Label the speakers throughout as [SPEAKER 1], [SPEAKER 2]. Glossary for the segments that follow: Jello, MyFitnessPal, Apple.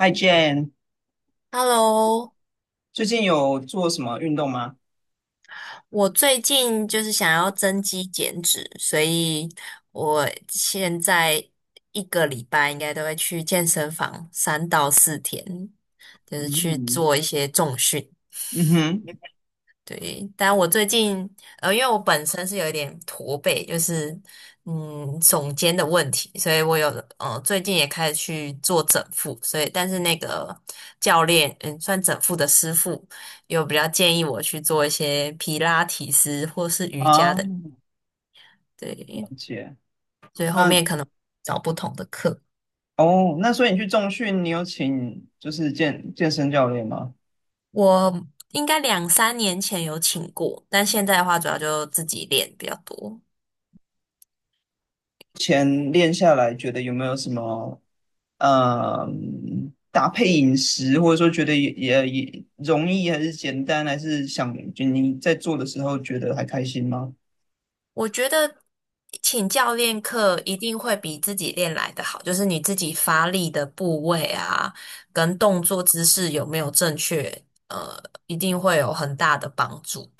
[SPEAKER 1] Hi Jane，
[SPEAKER 2] Hello，
[SPEAKER 1] 最近有做什么运动吗？
[SPEAKER 2] 我最近就是想要增肌减脂，所以我现在一个礼拜应该都会去健身房三到四天，就是去
[SPEAKER 1] 嗯
[SPEAKER 2] 做一些重训。
[SPEAKER 1] 嗯哼。
[SPEAKER 2] 对，但我最近因为我本身是有一点驼背，就是耸肩的问题，所以我有最近也开始去做整复，所以但是那个教练算整复的师傅有比较建议我去做一些皮拉提斯或是瑜伽
[SPEAKER 1] 啊，
[SPEAKER 2] 的，
[SPEAKER 1] 了
[SPEAKER 2] 对，
[SPEAKER 1] 解。
[SPEAKER 2] 所以后面
[SPEAKER 1] 嗯。
[SPEAKER 2] 可能找不同的课。
[SPEAKER 1] 哦，那所以你去重训，你有请就是健身教练吗？
[SPEAKER 2] 我应该两三年前有请过，但现在的话主要就自己练比较多。
[SPEAKER 1] 前练下来，觉得有没有什么搭配饮食，或者说觉得也容易还是简单，还是想就你在做的时候觉得还开心吗？
[SPEAKER 2] 我觉得请教练课一定会比自己练来的好，就是你自己发力的部位啊，跟动作姿势有没有正确，呃，一定会有很大的帮助。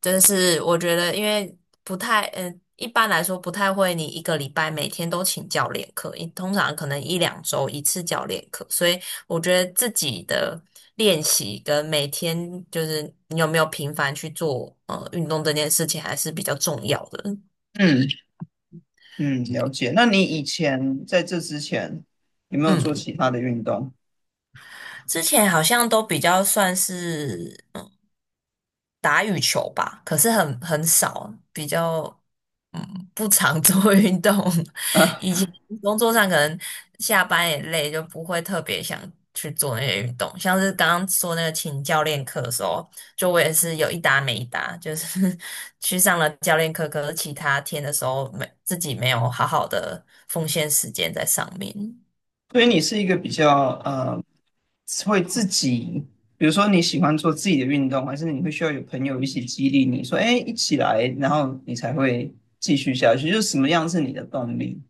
[SPEAKER 2] 真是我觉得，因为不太，嗯，一般来说不太会，你一个礼拜每天都请教练课，一通常可能一两周一次教练课，所以我觉得自己的练习跟每天就是你有没有频繁去做运动这件事情还是比较重要的。
[SPEAKER 1] 嗯嗯，了解。那你以前在这之前有没有做
[SPEAKER 2] 嗯，
[SPEAKER 1] 其他的运动？
[SPEAKER 2] 之前好像都比较算是。打羽球吧，可是很少，比较嗯不常做 运动。以前工作上可能下班也累，就不会特别想去做那些运动。像是刚刚说那个请教练课的时候，就我也是有一搭没一搭，就是 去上了教练课，可是其他天的时候没自己没有好好的奉献时间在上面。
[SPEAKER 1] 所以你是一个比较会自己，比如说你喜欢做自己的运动，还是你会需要有朋友一起激励你说，哎，一起来，然后你才会继续下去。就是什么样是你的动力？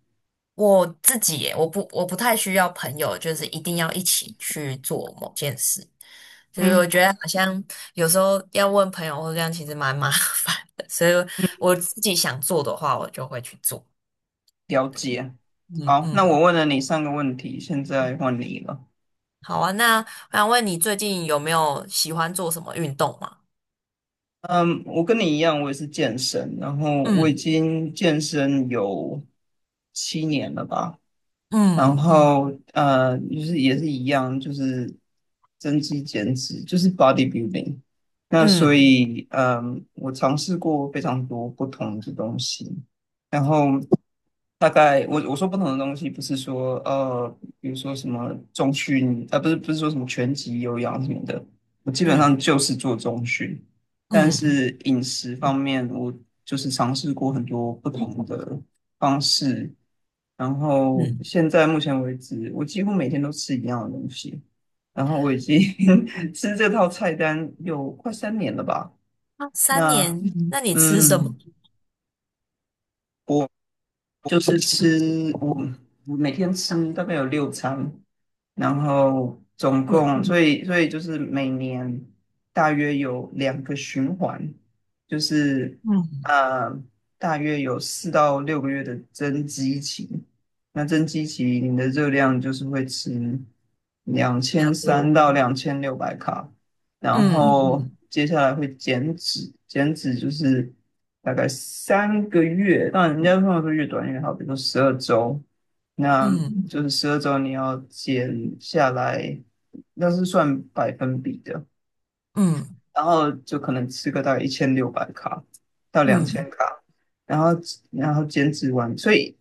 [SPEAKER 2] 我自己耶我不太需要朋友，就是一定要一起去做某件事。就是我
[SPEAKER 1] 嗯
[SPEAKER 2] 觉得好像有时候要问朋友或这样，其实蛮麻 烦的。所以
[SPEAKER 1] 嗯，
[SPEAKER 2] 我自己想做的话，我就会去做。
[SPEAKER 1] 了
[SPEAKER 2] 对，
[SPEAKER 1] 解。
[SPEAKER 2] 嗯
[SPEAKER 1] 好，那我
[SPEAKER 2] 嗯
[SPEAKER 1] 问了你3个问题，现
[SPEAKER 2] 嗯，
[SPEAKER 1] 在换你了。
[SPEAKER 2] 好啊。那我想问你，最近有没有喜欢做什么运动吗？
[SPEAKER 1] 嗯，我跟你一样，我也是健身，然后我已
[SPEAKER 2] 嗯
[SPEAKER 1] 经健身有7年了吧。然
[SPEAKER 2] 嗯嗯
[SPEAKER 1] 后就是也是一样，就是增肌减脂，就是 bodybuilding。那所
[SPEAKER 2] 嗯
[SPEAKER 1] 以，我尝试过非常多不同的东西，然后大概我说不同的东西，不是说比如说什么中训，啊，不是说什么拳击、有氧什么的，我基本上
[SPEAKER 2] 嗯
[SPEAKER 1] 就是做中训，但
[SPEAKER 2] 嗯
[SPEAKER 1] 是饮食方面，我就是尝试过很多不同的方式。然后
[SPEAKER 2] 嗯，
[SPEAKER 1] 现在目前为止，我几乎每天都吃一样的东西。然后我已经 吃这套菜单有快三年了吧？
[SPEAKER 2] 啊三
[SPEAKER 1] 那
[SPEAKER 2] 年，那你吃什
[SPEAKER 1] 嗯，
[SPEAKER 2] 么？
[SPEAKER 1] 就是吃我每天吃大概有6餐，然后总
[SPEAKER 2] 嗯
[SPEAKER 1] 共所以就是每年大约有2个循环，就是
[SPEAKER 2] 嗯，
[SPEAKER 1] 呃大约有4到6个月的增肌期。那增肌期你的热量就是会吃两
[SPEAKER 2] 比较
[SPEAKER 1] 千三
[SPEAKER 2] 多。
[SPEAKER 1] 到两千六百卡，然
[SPEAKER 2] 嗯
[SPEAKER 1] 后
[SPEAKER 2] 嗯
[SPEAKER 1] 接下来会减脂，减脂就是大概3个月，那人家通常说越短越好，比如说十二周，那
[SPEAKER 2] 嗯
[SPEAKER 1] 就是十二周你要减下来，那是算百分比的，
[SPEAKER 2] 嗯。
[SPEAKER 1] 然后就可能吃个大概一千六百卡到两千
[SPEAKER 2] 嗯
[SPEAKER 1] 卡，然后减脂完，所以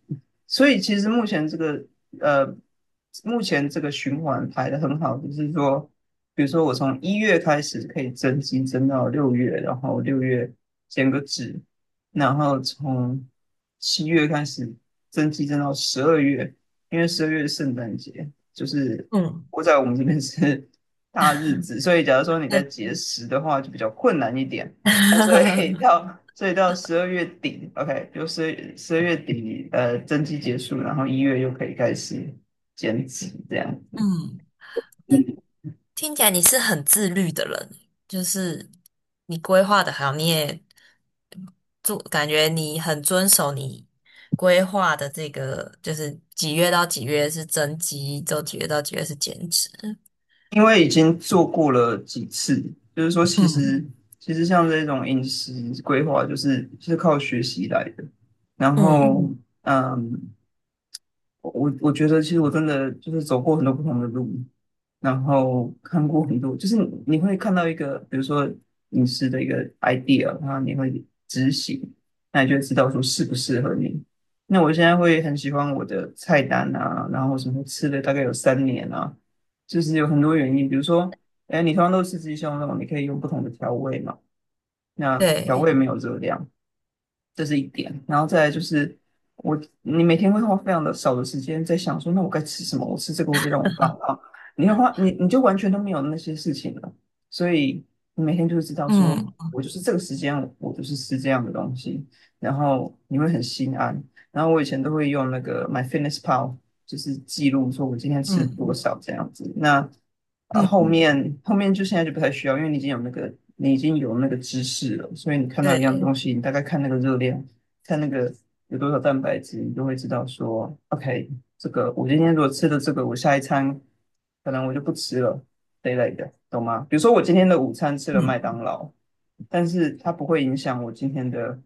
[SPEAKER 1] 其实目前这个呃，目前这个循环排的很好，就是说，比如说我从一月开始可以增肌增到六月，然后六月减个脂，然后从7月开始增肌增到十二月，因为十二月是圣诞节，就是
[SPEAKER 2] 嗯，
[SPEAKER 1] 我在我们这边是大日子，所以假如说你
[SPEAKER 2] 那
[SPEAKER 1] 在节食的话，就比较困难一点。所以 到所以到十二月底，OK，就十二月底，增肌结束，然后一月又可以开始减脂这样。
[SPEAKER 2] 嗯，
[SPEAKER 1] 嗯，
[SPEAKER 2] 听起来你是很自律的人，就是你规划的好，你也做，感觉你很遵守你规划的这个，就是几月到几月是增肌，就几月到几月是减脂。
[SPEAKER 1] 因为已经做过了几次，就是说
[SPEAKER 2] 嗯
[SPEAKER 1] 其实像这种饮食规划，就是靠学习来的。然
[SPEAKER 2] 嗯，
[SPEAKER 1] 后，嗯，我觉得，其实我真的就是走过很多不同的路，然后看过很多，就是你会看到一个，比如说饮食的一个 idea，然后你会执行，那你就会知道说适不适合你。那我现在会很喜欢我的菜单啊，然后什么吃了大概有三年啊，就是有很多原因，比如说，哎，你通常都吃鸡胸肉，你可以用不同的调味嘛，那调
[SPEAKER 2] 对
[SPEAKER 1] 味没有热量。这是一点。然后再来就是你每天会花非常的少的时间在想说，那我该吃什么？我吃这个会不会让我发胖？你会花你你就完全都没有那些事情了，所以你每天就会知道说，
[SPEAKER 2] 嗯
[SPEAKER 1] 我就是这个时间我就是吃这样的东西，然后你会很心安。然后我以前都会用那个 MyFitnessPal，就是记录说我今天吃多
[SPEAKER 2] 嗯
[SPEAKER 1] 少这样子。那啊，
[SPEAKER 2] 嗯
[SPEAKER 1] 后面就现在就不太需要，因为你已经有那个知识了，所以你看到一样
[SPEAKER 2] 对，
[SPEAKER 1] 东西，你大概看那个热量，看那个有多少蛋白质，你就会知道说，OK，这个我今天如果吃了这个，我下一餐可能我就不吃了这一类的，懂吗？比如说我今天的午餐吃了
[SPEAKER 2] 嗯
[SPEAKER 1] 麦当劳，但是它不会影响我今天的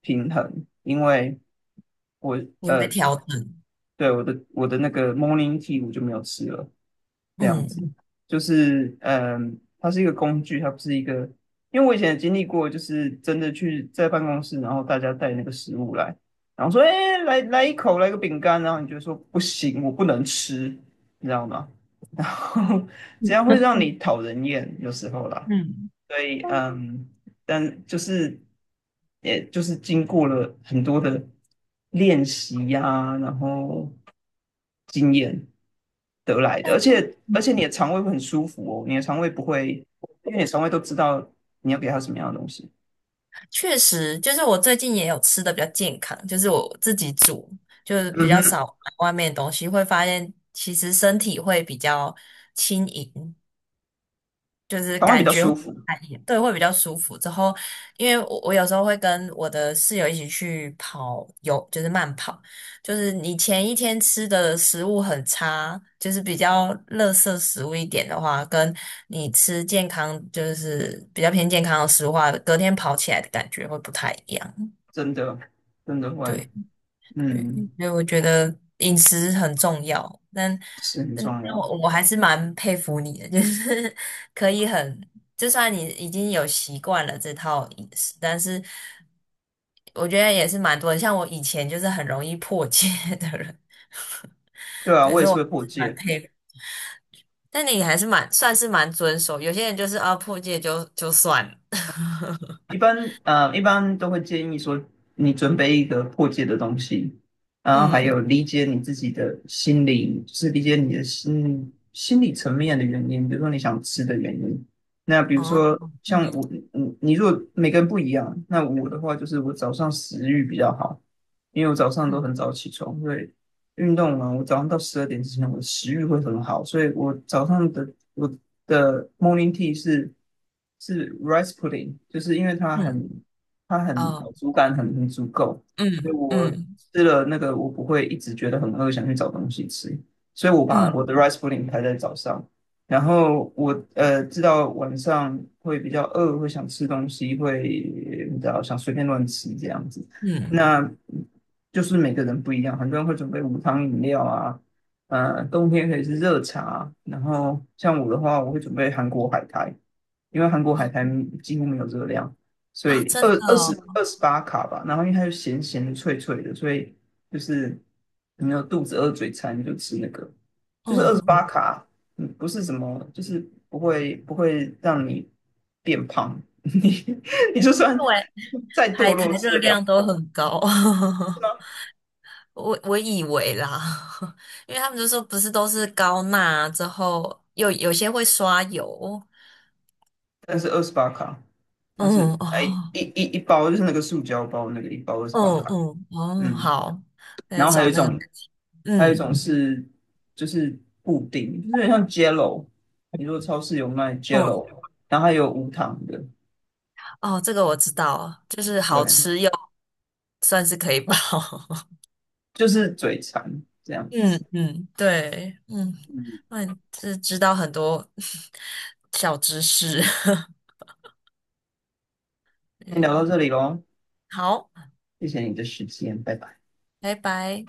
[SPEAKER 1] 平衡，因为我
[SPEAKER 2] 你会
[SPEAKER 1] 呃，
[SPEAKER 2] 调整。
[SPEAKER 1] 对我的那个 morning tea 我就没有吃了，这样
[SPEAKER 2] 嗯，
[SPEAKER 1] 子。就是它是一个工具，它不是一个。因为我以前也经历过，就是真的去在办公室，然后大家带那个食物来，然后说：“哎，来来一口，来个饼干。”然后你就说：“不行，我不能吃，你知道吗？”然后 这样会让你讨人厌，有时候啦。
[SPEAKER 2] 嗯
[SPEAKER 1] 所以但就是也就是经过了很多的练习呀、然后经验得来的，而且你的肠胃会很舒服哦，你的肠胃不会，因为你的肠胃都知道你要给它什么样的东西。
[SPEAKER 2] 确实，就是我最近也有吃的比较健康，就是我自己煮，就是比
[SPEAKER 1] 嗯
[SPEAKER 2] 较少
[SPEAKER 1] 哼，
[SPEAKER 2] 买外面的东西，会发现其实身体会比较轻盈，就是
[SPEAKER 1] 肠胃比
[SPEAKER 2] 感
[SPEAKER 1] 较
[SPEAKER 2] 觉
[SPEAKER 1] 舒
[SPEAKER 2] 会
[SPEAKER 1] 服，
[SPEAKER 2] 哎对会比较舒服。之后，因为我有时候会跟我的室友一起去跑有就是慢跑，就是你前一天吃的食物很差，就是比较垃圾食物一点的话，跟你吃健康就是比较偏健康的食物的话，隔天跑起来的感觉会不太一样。
[SPEAKER 1] 真的真的会，
[SPEAKER 2] 对对，
[SPEAKER 1] 嗯，
[SPEAKER 2] 所以我觉得饮食很重要，但
[SPEAKER 1] 是很
[SPEAKER 2] 但
[SPEAKER 1] 重要。
[SPEAKER 2] 我还是蛮佩服你的，就是 可以很，就算你已经有习惯了这套饮食，但是我觉得也是蛮多的像我以前就是很容易破戒 的人，
[SPEAKER 1] 对 啊，
[SPEAKER 2] 可
[SPEAKER 1] 我也
[SPEAKER 2] 是
[SPEAKER 1] 是
[SPEAKER 2] 我
[SPEAKER 1] 会破
[SPEAKER 2] 是蛮
[SPEAKER 1] 戒。
[SPEAKER 2] 佩服，但你还是蛮算是蛮遵守，有些人就是啊破戒就就算了，
[SPEAKER 1] 一般一般都会建议说，你准备一个破解的东西，然后还有
[SPEAKER 2] 嗯，
[SPEAKER 1] 理解你自己的心理，就是理解你的心理层面的原因，比如说你想吃的原因。那比如
[SPEAKER 2] 哦，
[SPEAKER 1] 说像我，
[SPEAKER 2] 嗯
[SPEAKER 1] 你如果每个人不一样，那我的话就是我早上食欲比较好，因为我早上都
[SPEAKER 2] 嗯
[SPEAKER 1] 很早起床，所以运动完，我早上到12点之前，我的食欲会很好，所以我的 morning tea 是 rice pudding，就是因为
[SPEAKER 2] 嗯，
[SPEAKER 1] 它很
[SPEAKER 2] 哦，
[SPEAKER 1] 饱足感很足够，
[SPEAKER 2] 嗯嗯
[SPEAKER 1] 吃了那个我不会一直觉得很饿，想去找东西吃，所以我
[SPEAKER 2] 嗯
[SPEAKER 1] 把
[SPEAKER 2] 嗯。
[SPEAKER 1] 我的 rice pudding 排在早上，然后我知道晚上会比较饿，会想吃东西，会你知道想随便乱吃这样子。
[SPEAKER 2] 嗯
[SPEAKER 1] 那就是每个人不一样，很多人会准备无糖饮料啊，冬天可以是热茶，然后像我的话，我会准备韩国海苔，因为韩国海苔几乎没有热量。所
[SPEAKER 2] 啊，
[SPEAKER 1] 以
[SPEAKER 2] 真的哦，
[SPEAKER 1] 二十八卡吧，然后因为它就咸咸的、脆脆的，所以就是你有肚子饿、嘴馋，你就吃那个，就是二十
[SPEAKER 2] 嗯，
[SPEAKER 1] 八卡，不是什么，就是不会让你变胖，你就算
[SPEAKER 2] 因为
[SPEAKER 1] 再堕
[SPEAKER 2] 海苔
[SPEAKER 1] 落
[SPEAKER 2] 热
[SPEAKER 1] 吃得了。
[SPEAKER 2] 量都很高，
[SPEAKER 1] 是吗？
[SPEAKER 2] 我我以为啦，因为他们就说不是都是高钠之后，有些会刷油，
[SPEAKER 1] 但是二十八卡，它是
[SPEAKER 2] 嗯
[SPEAKER 1] 哎
[SPEAKER 2] 哦，
[SPEAKER 1] 一包，就是那个塑胶包，那个一包二十八
[SPEAKER 2] 嗯
[SPEAKER 1] 卡。
[SPEAKER 2] 嗯哦，
[SPEAKER 1] 嗯，
[SPEAKER 2] 好，来
[SPEAKER 1] 然后还
[SPEAKER 2] 找
[SPEAKER 1] 有一
[SPEAKER 2] 那个，
[SPEAKER 1] 种，还有一种
[SPEAKER 2] 嗯
[SPEAKER 1] 是就是布丁，就是有点像 Jello。你如果超市有卖
[SPEAKER 2] 嗯
[SPEAKER 1] Jello，然后还有无糖的，
[SPEAKER 2] 哦，这个我知道，就是好
[SPEAKER 1] 对，
[SPEAKER 2] 吃又算是可以饱，
[SPEAKER 1] 就是嘴馋这样
[SPEAKER 2] 嗯
[SPEAKER 1] 子。
[SPEAKER 2] 嗯，对，嗯，
[SPEAKER 1] 嗯，
[SPEAKER 2] 那你是知道很多 小知识，
[SPEAKER 1] 先聊到
[SPEAKER 2] 嗯，
[SPEAKER 1] 这里喽，
[SPEAKER 2] 好。
[SPEAKER 1] 谢谢你的时间，拜拜。
[SPEAKER 2] 拜拜。